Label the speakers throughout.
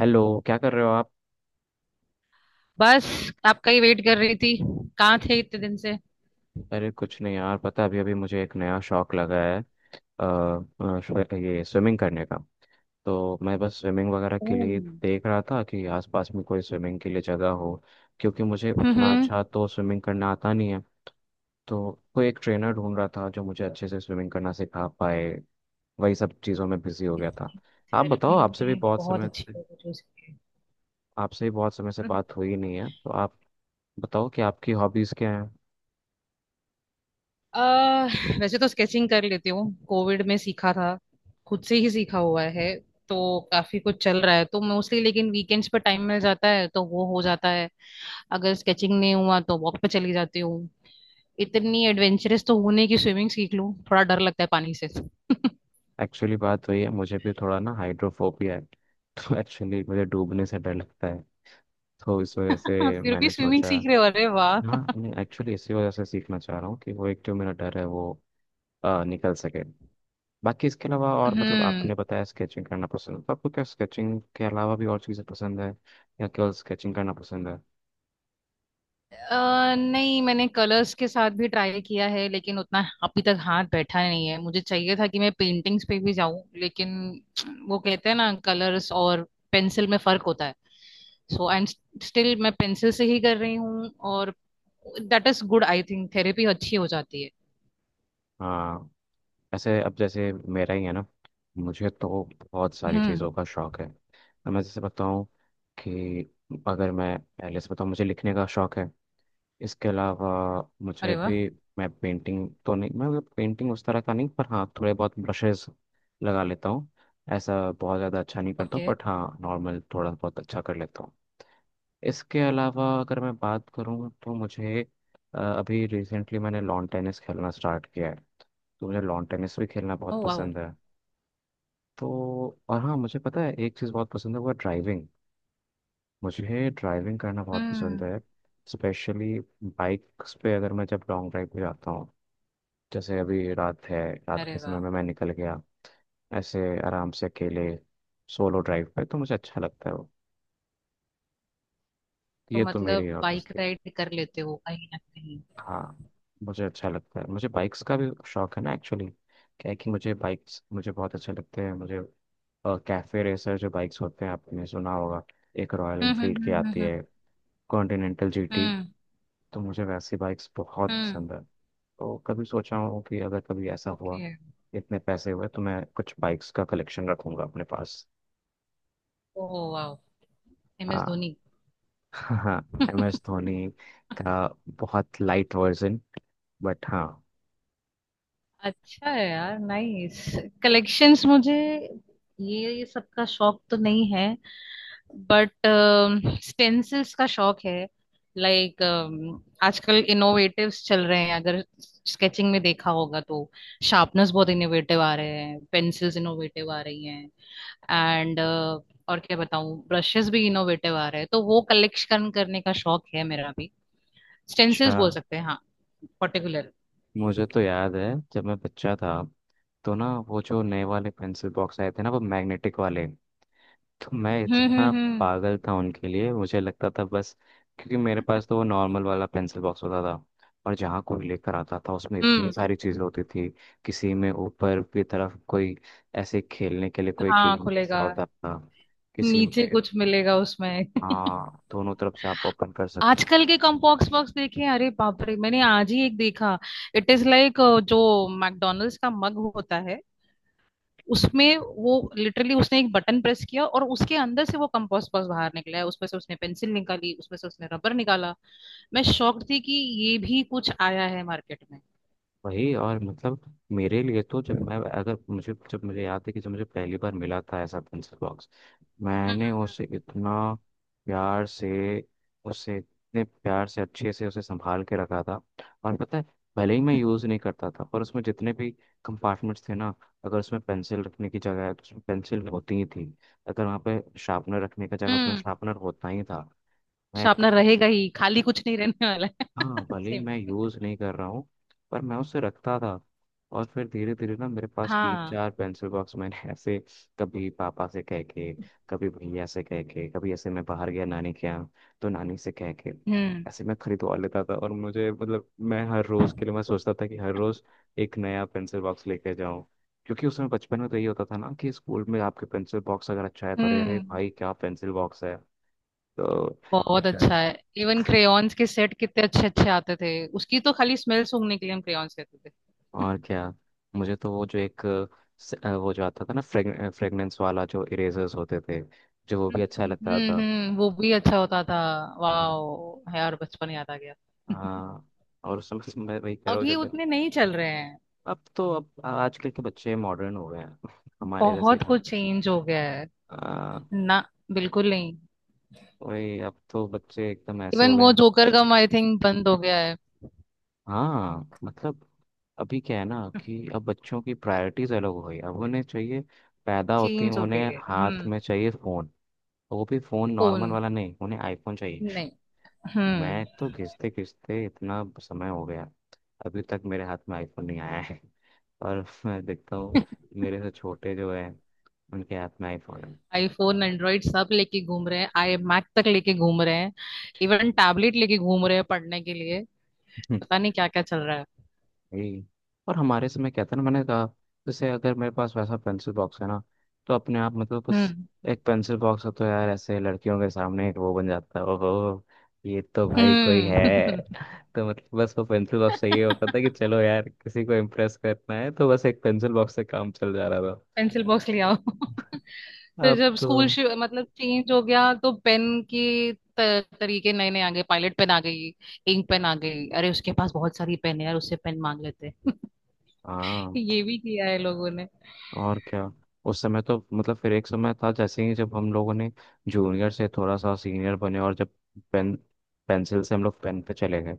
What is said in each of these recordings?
Speaker 1: Hello. क्या कर रहे हो आप?
Speaker 2: बस आपका ही वेट कर रही थी। कहाँ थे इतने दिन से।
Speaker 1: अरे कुछ नहीं यार, पता है, अभी अभी मुझे एक नया शौक लगा है। ये स्विमिंग करने का। तो मैं बस स्विमिंग वगैरह के
Speaker 2: ओह।
Speaker 1: लिए देख रहा था कि आसपास में कोई स्विमिंग के लिए जगह हो, क्योंकि मुझे उतना
Speaker 2: हम्म।
Speaker 1: अच्छा तो स्विमिंग करना आता नहीं है। तो कोई एक ट्रेनर ढूंढ रहा था जो मुझे अच्छे से स्विमिंग करना सिखा पाए। वही सब चीज़ों में बिजी हो गया था।
Speaker 2: इतनी
Speaker 1: आप बताओ,
Speaker 2: थेरेपी
Speaker 1: आपसे भी
Speaker 2: में
Speaker 1: बहुत
Speaker 2: बहुत
Speaker 1: समय
Speaker 2: अच्छी
Speaker 1: से
Speaker 2: बात है जो सीखी है।
Speaker 1: आपसे भी बहुत समय से बात हुई नहीं है, तो आप बताओ कि आपकी हॉबीज़ क्या।
Speaker 2: वैसे तो स्केचिंग कर लेती हूँ, कोविड में सीखा था। खुद से ही सीखा हुआ है। तो काफी कुछ चल रहा है तो मोस्टली, लेकिन वीकेंड्स पर टाइम मिल जाता है तो वो हो जाता है। अगर स्केचिंग नहीं हुआ तो वॉक पे चली जाती हूँ। इतनी एडवेंचरस तो होने की स्विमिंग सीख लूँ, थोड़ा डर लगता है पानी से।
Speaker 1: एक्चुअली बात वही है, मुझे भी थोड़ा ना हाइड्रोफोबिया है, तो एक्चुअली मुझे डूबने से डर लगता है। तो इस वजह से
Speaker 2: फिर भी
Speaker 1: मैंने
Speaker 2: स्विमिंग
Speaker 1: सोचा,
Speaker 2: सीख रहे हो, अरे वाह।
Speaker 1: हाँ नहीं एक्चुअली इसी वजह से सीखना चाह रहा हूँ कि वो एक जो मेरा डर है वो निकल सके। बाकी इसके अलावा और मतलब
Speaker 2: हम्म।
Speaker 1: आपने बताया स्केचिंग करना पसंद है, तो आपको क्या स्केचिंग के अलावा भी और चीज़ें पसंद है या केवल स्केचिंग करना पसंद है?
Speaker 2: नहीं मैंने कलर्स के साथ भी ट्राई किया है, लेकिन उतना अभी तक हाथ बैठा नहीं है। मुझे चाहिए था कि मैं पेंटिंग्स पे भी जाऊं, लेकिन वो कहते हैं ना कलर्स और पेंसिल में फर्क होता है। सो आई एम स्टिल मैं पेंसिल से ही कर रही हूँ। और that is good, I think therapy अच्छी हो जाती है।
Speaker 1: हाँ, ऐसे अब जैसे मेरा ही है ना, मुझे तो बहुत सारी चीज़ों
Speaker 2: हम्म।
Speaker 1: का शौक है। अब मैं जैसे बताऊँ कि अगर मैं पहले से बताऊँ, मुझे लिखने का शौक है। इसके अलावा मुझे
Speaker 2: अरे वाह।
Speaker 1: भी मैं पेंटिंग तो नहीं, मैं मतलब पेंटिंग उस तरह का नहीं, पर हाँ थोड़े बहुत ब्रशेस लगा लेता हूँ। ऐसा बहुत ज़्यादा अच्छा नहीं करता हूँ,
Speaker 2: ओके।
Speaker 1: बट हाँ नॉर्मल थोड़ा बहुत अच्छा कर लेता हूँ। इसके अलावा अगर मैं बात करूँ तो मुझे अभी रिसेंटली मैंने लॉन टेनिस खेलना स्टार्ट किया है। तो मुझे लॉन टेनिस भी खेलना
Speaker 2: ओ
Speaker 1: बहुत
Speaker 2: वाह।
Speaker 1: पसंद है। तो और हाँ, मुझे पता है एक चीज़ बहुत पसंद है, वो है ड्राइविंग। मुझे ड्राइविंग करना बहुत पसंद
Speaker 2: हम्म।
Speaker 1: है। स्पेशली बाइक्स पे अगर मैं, जब लॉन्ग ड्राइव पे जाता हूँ, जैसे अभी रात है, रात
Speaker 2: अरे
Speaker 1: के समय
Speaker 2: वाह।
Speaker 1: में मैं निकल गया ऐसे आराम से अकेले सोलो ड्राइव पे, तो मुझे अच्छा लगता है वो।
Speaker 2: तो
Speaker 1: ये तो मेरी
Speaker 2: मतलब
Speaker 1: हॉबीज
Speaker 2: बाइक
Speaker 1: थी।
Speaker 2: राइड कर लेते हो कहीं ना कहीं।
Speaker 1: हाँ, मुझे अच्छा लगता है, मुझे बाइक्स का भी शौक है ना एक्चुअली। क्या है कि मुझे बाइक्स, मुझे बहुत अच्छे लगते हैं। मुझे कैफे रेसर जो बाइक्स होते हैं, आपने सुना होगा, एक रॉयल एनफील्ड की आती
Speaker 2: हम्म।
Speaker 1: है, कॉन्टिनेंटल जीटी,
Speaker 2: हम्म
Speaker 1: तो मुझे वैसी बाइक्स बहुत
Speaker 2: हम्म।
Speaker 1: पसंद है। तो कभी सोचा हूँ कि अगर कभी ऐसा हुआ
Speaker 2: ओके।
Speaker 1: इतने पैसे हुए तो मैं कुछ बाइक्स का कलेक्शन रखूंगा अपने पास।
Speaker 2: ओ वाह। एम एस
Speaker 1: हाँ।
Speaker 2: धोनी।
Speaker 1: हाँ, एम एस धोनी का बहुत लाइट वर्जन, बट हाँ।
Speaker 2: अच्छा है यार, नाइस कलेक्शंस। मुझे ये सबका शौक तो नहीं है, बट स्टेंसिल्स का शौक है। लाइक आजकल इनोवेटिव्स चल रहे हैं। अगर स्केचिंग में देखा होगा तो शार्पनर्स बहुत इनोवेटिव आ रहे हैं, पेंसिल्स इनोवेटिव आ रही हैं, एंड और क्या बताऊं, ब्रशेस भी इनोवेटिव आ रहे हैं, तो वो कलेक्शन करने का शौक है मेरा भी।
Speaker 1: अच्छा,
Speaker 2: स्टेंसिल्स बोल सकते हैं हाँ, पर्टिकुलर।
Speaker 1: मुझे तो याद है जब मैं बच्चा था, तो ना वो जो नए वाले पेंसिल बॉक्स आए थे ना, वो मैग्नेटिक वाले, तो मैं इतना
Speaker 2: हम्म।
Speaker 1: पागल था उनके लिए, मुझे लगता था बस, क्योंकि मेरे पास तो वो नॉर्मल वाला पेंसिल बॉक्स होता था, और जहाँ कोई लेकर आता था उसमें इतनी
Speaker 2: हम्म।
Speaker 1: सारी चीज़ें होती थी। किसी में ऊपर की तरफ कोई ऐसे खेलने के लिए कोई
Speaker 2: हाँ
Speaker 1: गेम ऐसा
Speaker 2: खुलेगा,
Speaker 1: होता था, किसी
Speaker 2: नीचे
Speaker 1: में,
Speaker 2: कुछ मिलेगा उसमें।
Speaker 1: हाँ दोनों तरफ से आप ओपन कर सकते।
Speaker 2: आजकल के कॉम्बॉक्स बॉक्स देखे, अरे बाप रे, मैंने आज ही एक देखा। इट इज लाइक, जो मैकडोनल्ड्स का मग होता है, उसमें वो लिटरली उसने एक बटन प्रेस किया और उसके अंदर से वो कंपोस्ट बॉक्स बाहर निकला है। उसमें से उसने पेंसिल निकाली, उसमें से उसने रबर निकाला। मैं शॉक्ड थी कि ये भी कुछ आया है मार्केट में।
Speaker 1: वही, और मतलब मेरे लिए तो जब मैं, अगर मुझे, जब मुझे याद है कि जब मुझे पहली बार मिला था ऐसा पेंसिल बॉक्स,
Speaker 2: हम्म
Speaker 1: मैंने उसे इतना प्यार से, उसे इतने प्यार से अच्छे से उसे संभाल के रखा था। और पता है, भले ही मैं यूज़ नहीं करता था, पर उसमें जितने भी कंपार्टमेंट्स थे ना, अगर उसमें पेंसिल रखने की जगह है तो उसमें पेंसिल होती ही थी, अगर वहाँ पे शार्पनर रखने का जगह, उसमें
Speaker 2: हम्म, हम्म।
Speaker 1: शार्पनर होता ही था। मैं,
Speaker 2: शार्पनर रहेगा ही, खाली कुछ नहीं रहने वाला है।
Speaker 1: हाँ भले ही
Speaker 2: सेम।
Speaker 1: मैं यूज़ नहीं कर रहा हूँ, पर मैं उसे रखता था। और फिर धीरे धीरे ना मेरे पास तीन
Speaker 2: हाँ।
Speaker 1: चार पेंसिल बॉक्स मैंने ऐसे कभी पापा से कह के, कभी भैया से कह के, कभी ऐसे मैं बाहर गया नानी के यहाँ तो नानी से कह के,
Speaker 2: हम्म
Speaker 1: ऐसे मैं खरीदवा लेता था। और मुझे मतलब मैं हर रोज़ के लिए मैं सोचता था कि हर रोज़ एक नया पेंसिल बॉक्स लेके जाऊँ, क्योंकि उसमें बचपन में तो ये होता था ना कि स्कूल में आपके पेंसिल बॉक्स अगर अच्छा है तो अरे अरे
Speaker 2: हम्म।
Speaker 1: भाई क्या पेंसिल बॉक्स है। तो
Speaker 2: बहुत अच्छा है। इवन क्रेयॉन्स के सेट कितने अच्छे अच्छे आते थे। उसकी तो खाली स्मेल सूंघने के लिए हम क्रेयॉन्स लेते थे।
Speaker 1: और क्या, मुझे तो वो जो एक वो जो आता था ना फ्रेगनेंस वाला जो इरेजर्स होते थे, जो वो भी अच्छा लगता था।
Speaker 2: हम्म, वो भी अच्छा होता था।
Speaker 1: हाँ
Speaker 2: वाह यार, बचपन याद आ गया।
Speaker 1: हाँ। और उस समय से मैं वही कह रहा हूँ
Speaker 2: अभी
Speaker 1: जब,
Speaker 2: उतने नहीं चल रहे हैं।
Speaker 1: अब तो अब आजकल के बच्चे मॉडर्न हो गए हैं हमारे जैसे
Speaker 2: बहुत
Speaker 1: कम।
Speaker 2: कुछ चेंज हो गया है
Speaker 1: आ,
Speaker 2: ना, बिल्कुल नहीं।
Speaker 1: वही अब तो बच्चे एकदम ऐसे
Speaker 2: इवन
Speaker 1: हो गए
Speaker 2: वो
Speaker 1: हैं।
Speaker 2: जोकर गम आई थिंक बंद हो गया है।
Speaker 1: हाँ मतलब अभी क्या है ना कि अब बच्चों की प्रायोरिटीज अलग हो गई, अब उन्हें चाहिए, पैदा होते ही
Speaker 2: चेंज हो गई
Speaker 1: उन्हें
Speaker 2: है।
Speaker 1: हाथ
Speaker 2: हम्म।
Speaker 1: में चाहिए फोन, वो भी फोन नॉर्मल
Speaker 2: कौन।
Speaker 1: वाला नहीं, उन्हें आईफोन चाहिए।
Speaker 2: नहीं।
Speaker 1: मैं
Speaker 2: हम्म।
Speaker 1: तो खींचते खींचते इतना समय हो गया, अभी तक मेरे हाथ में आईफोन नहीं आया है और मैं देखता हूँ मेरे से छोटे जो है उनके हाथ में आईफोन है।
Speaker 2: आईफोन, एंड्रॉइड सब लेके घूम रहे हैं, आई मैक तक लेके घूम रहे हैं। इवन टैबलेट लेके घूम रहे हैं पढ़ने के लिए।
Speaker 1: हम्म।
Speaker 2: पता नहीं क्या क्या चल रहा है।
Speaker 1: यही। और हमारे समय क्या था ना, मैंने कहा जैसे अगर मेरे पास वैसा पेंसिल बॉक्स है ना, तो अपने आप मतलब कुछ,
Speaker 2: हम्म
Speaker 1: एक पेंसिल बॉक्स हो तो यार ऐसे लड़कियों के सामने एक वो बन जाता है, ओहो ये तो भाई कोई है।
Speaker 2: हम्म।
Speaker 1: तो मतलब बस वो पेंसिल बॉक्स से ये होता था कि चलो यार किसी को इम्प्रेस करना है तो बस एक पेंसिल बॉक्स से काम चल जा रहा था।
Speaker 2: पेंसिल बॉक्स ले आओ। फिर
Speaker 1: अब
Speaker 2: जब
Speaker 1: तो,
Speaker 2: स्कूल मतलब चेंज हो गया तो पेन की तरीके नए नए आ गए। पायलट पेन आ गई, इंक पेन आ गई, अरे उसके पास बहुत सारी पेन है यार, उससे पेन मांग लेते हैं।
Speaker 1: हाँ
Speaker 2: ये भी किया है लोगों ने।
Speaker 1: और क्या, उस समय तो मतलब फिर एक समय था, जैसे ही जब हम लोगों ने जूनियर से थोड़ा सा सीनियर बने और जब पेन, पेंसिल से हम लोग पेन पे चले गए,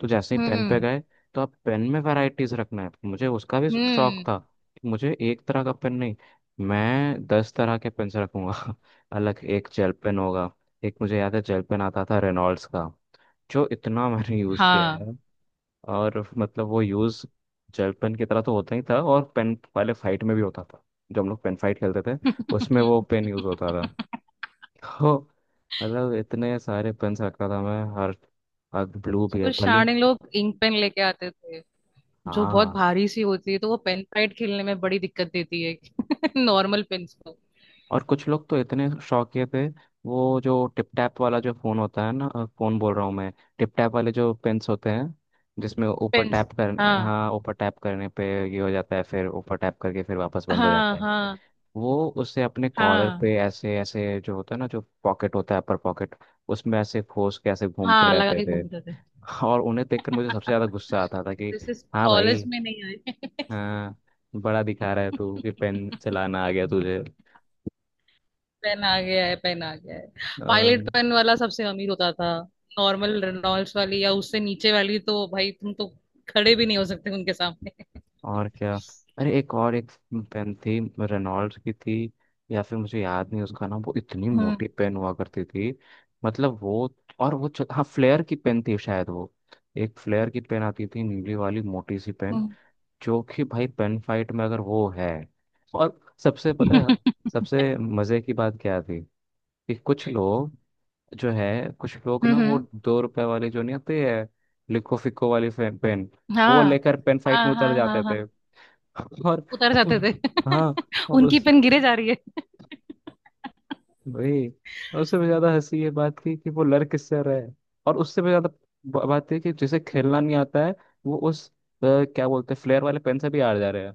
Speaker 1: तो जैसे ही पेन पे
Speaker 2: हम्म
Speaker 1: गए, तो अब पेन में वैरायटीज रखना है, मुझे उसका भी शौक
Speaker 2: हम्म।
Speaker 1: था कि मुझे एक तरह का पेन नहीं, मैं दस तरह के पेन रखूंगा अलग एक जेल पेन होगा। एक मुझे याद है जेल पेन आता था रेनॉल्ड्स का, जो इतना मैंने यूज किया
Speaker 2: हाँ।
Speaker 1: है। और मतलब वो यूज़ जेल पेन की तरह तो होता ही था, और पेन पहले फाइट में भी होता था, जब हम लोग पेन फाइट खेलते थे उसमें वो पेन यूज़ होता था। तो मतलब इतने सारे पेन्स रखता था मैं, हर हर ब्लू भी है
Speaker 2: स्कूल
Speaker 1: भले।
Speaker 2: स्टार्टिंग लोग इंक पेन लेके आते थे, जो बहुत
Speaker 1: हाँ,
Speaker 2: भारी सी होती है, तो वो पेन फाइट खेलने में बड़ी दिक्कत देती है। नॉर्मल पेन्स को।
Speaker 1: और कुछ लोग तो इतने शौकिया थे, वो जो टिप टैप वाला जो फ़ोन होता है ना, फ़ोन बोल रहा हूँ मैं, टिप टैप वाले जो पेन्स होते हैं, जिसमें ऊपर
Speaker 2: पेन्स।
Speaker 1: टैप करने,
Speaker 2: हाँ
Speaker 1: हाँ ऊपर टैप करने पे ये हो जाता है, फिर ऊपर टैप करके फिर वापस बंद हो
Speaker 2: हाँ
Speaker 1: जाता है,
Speaker 2: हाँ
Speaker 1: वो उसे अपने कॉलर
Speaker 2: हाँ।
Speaker 1: पे ऐसे, ऐसे जो होता है ना जो पॉकेट होता है अपर पॉकेट, उसमें ऐसे खोस के ऐसे घूमते
Speaker 2: हाँ लगा
Speaker 1: रहते
Speaker 2: के
Speaker 1: थे।
Speaker 2: घूमते थे।
Speaker 1: और उन्हें देखकर मुझे सबसे ज्यादा गुस्सा आता था कि,
Speaker 2: दिस इज,
Speaker 1: हाँ भाई,
Speaker 2: कॉलेज में नहीं आए।
Speaker 1: हाँ, बड़ा दिखा रहा है तू कि पेन चलाना आ गया तुझे।
Speaker 2: पेन आ गया है, पेन आ गया है। पायलट
Speaker 1: अम,
Speaker 2: पेन वाला सबसे अमीर होता था। नॉर्मल रेनॉल्ड्स वाली या उससे नीचे वाली तो भाई तुम तो खड़े भी नहीं हो सकते उनके सामने।
Speaker 1: और क्या, अरे एक और एक पेन थी रेनॉल्ड्स की थी, या फिर मुझे याद नहीं उसका नाम, वो इतनी
Speaker 2: हम्म
Speaker 1: मोटी पेन हुआ करती थी। मतलब वो, हाँ फ्लेयर की पेन थी शायद वो। एक फ्लेयर की पेन आती थी नीली वाली मोटी सी पेन,
Speaker 2: हम्म।
Speaker 1: जो कि भाई पेन फाइट में अगर वो है और, सबसे पता है, सबसे मज़े की बात क्या थी कि कुछ लोग जो है, कुछ लोग ना वो
Speaker 2: हम्म।
Speaker 1: दो रुपए वाली जो नहीं आती है, लिको फिको वाली पेन, वो
Speaker 2: हाँ
Speaker 1: लेकर पेन फाइट में
Speaker 2: हाँ
Speaker 1: उतर
Speaker 2: हाँ
Speaker 1: जाते
Speaker 2: हाँ।
Speaker 1: थे
Speaker 2: हाँ
Speaker 1: और
Speaker 2: उतर जाते
Speaker 1: उस-
Speaker 2: थे।
Speaker 1: हाँ, और
Speaker 2: उनकी
Speaker 1: उस,
Speaker 2: पेन गिरे जा रही है।
Speaker 1: भाई, और उससे भी ज्यादा हंसी ये बात थी कि वो लड़ किससे रहे, और उससे भी ज्यादा बात थी कि जिसे खेलना नहीं आता है वो उस, क्या बोलते हैं फ्लेयर वाले पेन से भी हार जा रहे हैं।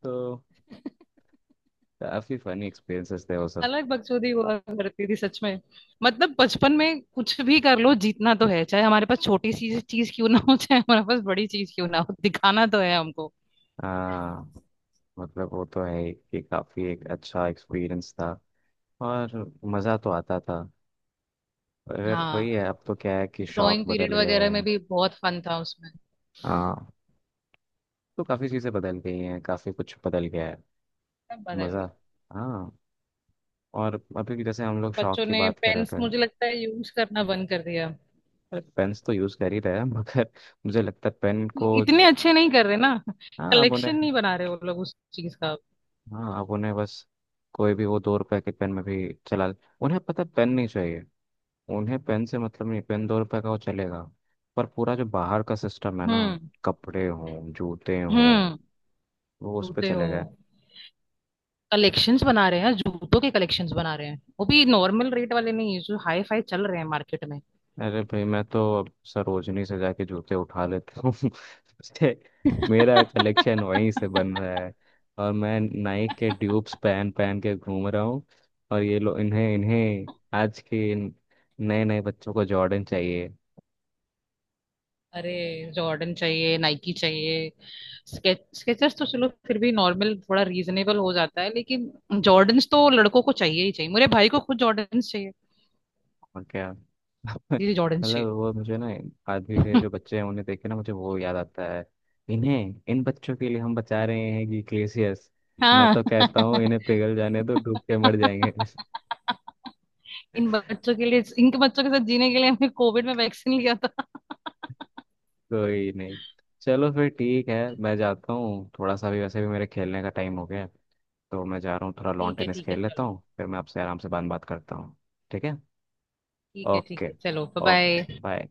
Speaker 1: तो काफी फनी एक्सपीरियंसेस थे वो सब।
Speaker 2: अलग बकचोदी हुआ करती थी सच में। मतलब बचपन में कुछ भी कर लो, जीतना तो है, चाहे हमारे पास छोटी सी चीज क्यों ना हो, चाहे हमारे पास बड़ी चीज क्यों ना हो, दिखाना तो है हमको।
Speaker 1: हाँ मतलब वो तो है ही कि काफी एक अच्छा एक्सपीरियंस था, और मज़ा तो आता था, अगर वही
Speaker 2: हाँ,
Speaker 1: है, अब तो क्या है कि शौक
Speaker 2: ड्राइंग पीरियड
Speaker 1: बदल गया
Speaker 2: वगैरह में
Speaker 1: है।
Speaker 2: भी बहुत फन था उसमें।
Speaker 1: हाँ, तो काफी चीज़ें बदल गई हैं, काफी कुछ बदल गया है।
Speaker 2: सब बदल
Speaker 1: मज़ा,
Speaker 2: गया।
Speaker 1: हाँ। और अभी भी जैसे हम लोग शौक
Speaker 2: बच्चों
Speaker 1: की
Speaker 2: ने
Speaker 1: बात कर रहे
Speaker 2: पेन्स
Speaker 1: थे,
Speaker 2: मुझे लगता है यूज करना बंद कर दिया।
Speaker 1: अरे पेन्स तो यूज़ कर ही रहे हैं मगर मुझे लगता है पेन को,
Speaker 2: इतने अच्छे नहीं कर रहे ना,
Speaker 1: हाँ अब
Speaker 2: कलेक्शन
Speaker 1: उन्हें
Speaker 2: नहीं बना रहे वो लोग उस चीज का।
Speaker 1: हाँ अब उन्हें बस कोई भी वो दो रुपए के पेन में भी चला, उन्हें पता पेन नहीं चाहिए, उन्हें पेन से मतलब नहीं, पेन दो रुपए का वो चलेगा, पर पूरा जो बाहर का सिस्टम है ना,
Speaker 2: हम्म
Speaker 1: कपड़े हों, जूते हों,
Speaker 2: हम्म।
Speaker 1: वो उस पे
Speaker 2: रोते हो,
Speaker 1: चले गए।
Speaker 2: कलेक्शंस बना रहे हैं, जूतों के कलेक्शंस बना रहे हैं, वो भी नॉर्मल रेट वाले नहीं, जो हाई फाई चल रहे हैं मार्केट में।
Speaker 1: अरे भाई, मैं तो अब सरोजनी से जाके जूते उठा लेता हूँ उससे मेरा कलेक्शन वहीं से बन रहा है, और मैं नाइक के ट्यूब्स पहन पहन के घूम रहा हूँ। और ये लोग, इन्हें इन्हें आज के नए नए बच्चों को जॉर्डन चाहिए।
Speaker 2: अरे जॉर्डन चाहिए, नाइकी चाहिए, स्केचर्स तो चलो फिर भी नॉर्मल थोड़ा रीजनेबल हो जाता है, लेकिन जॉर्डन्स तो लड़कों को चाहिए ही चाहिए। मेरे भाई को खुद जॉर्डन्स चाहिए,
Speaker 1: और क्या
Speaker 2: दीदी जॉर्डन्स चाहिए।
Speaker 1: मतलब वो मुझे ना, आजकल के जो बच्चे हैं उन्हें देख के ना मुझे वो याद आता है, इन्हें, इन बच्चों के लिए हम बचा रहे हैं कि ग्लेशियर्स, मैं
Speaker 2: हाँ
Speaker 1: तो कहता हूँ इन्हें पिघल जाने दो, डूब के मर जाएंगे
Speaker 2: इन बच्चों के लिए, इनके बच्चों के साथ जीने के लिए हमने कोविड में वैक्सीन लिया था।
Speaker 1: कोई नहीं, चलो फिर ठीक है, मैं जाता हूँ थोड़ा सा, भी वैसे भी मेरे खेलने का टाइम हो गया है, तो मैं जा रहा हूँ थोड़ा लॉन टेनिस
Speaker 2: ठीक है
Speaker 1: खेल लेता
Speaker 2: चलो।
Speaker 1: हूँ, फिर मैं आपसे आराम से बात बात करता हूँ। ठीक है।
Speaker 2: ठीक
Speaker 1: ओके,
Speaker 2: है चलो, बाय
Speaker 1: ओके
Speaker 2: बाय।
Speaker 1: बाय।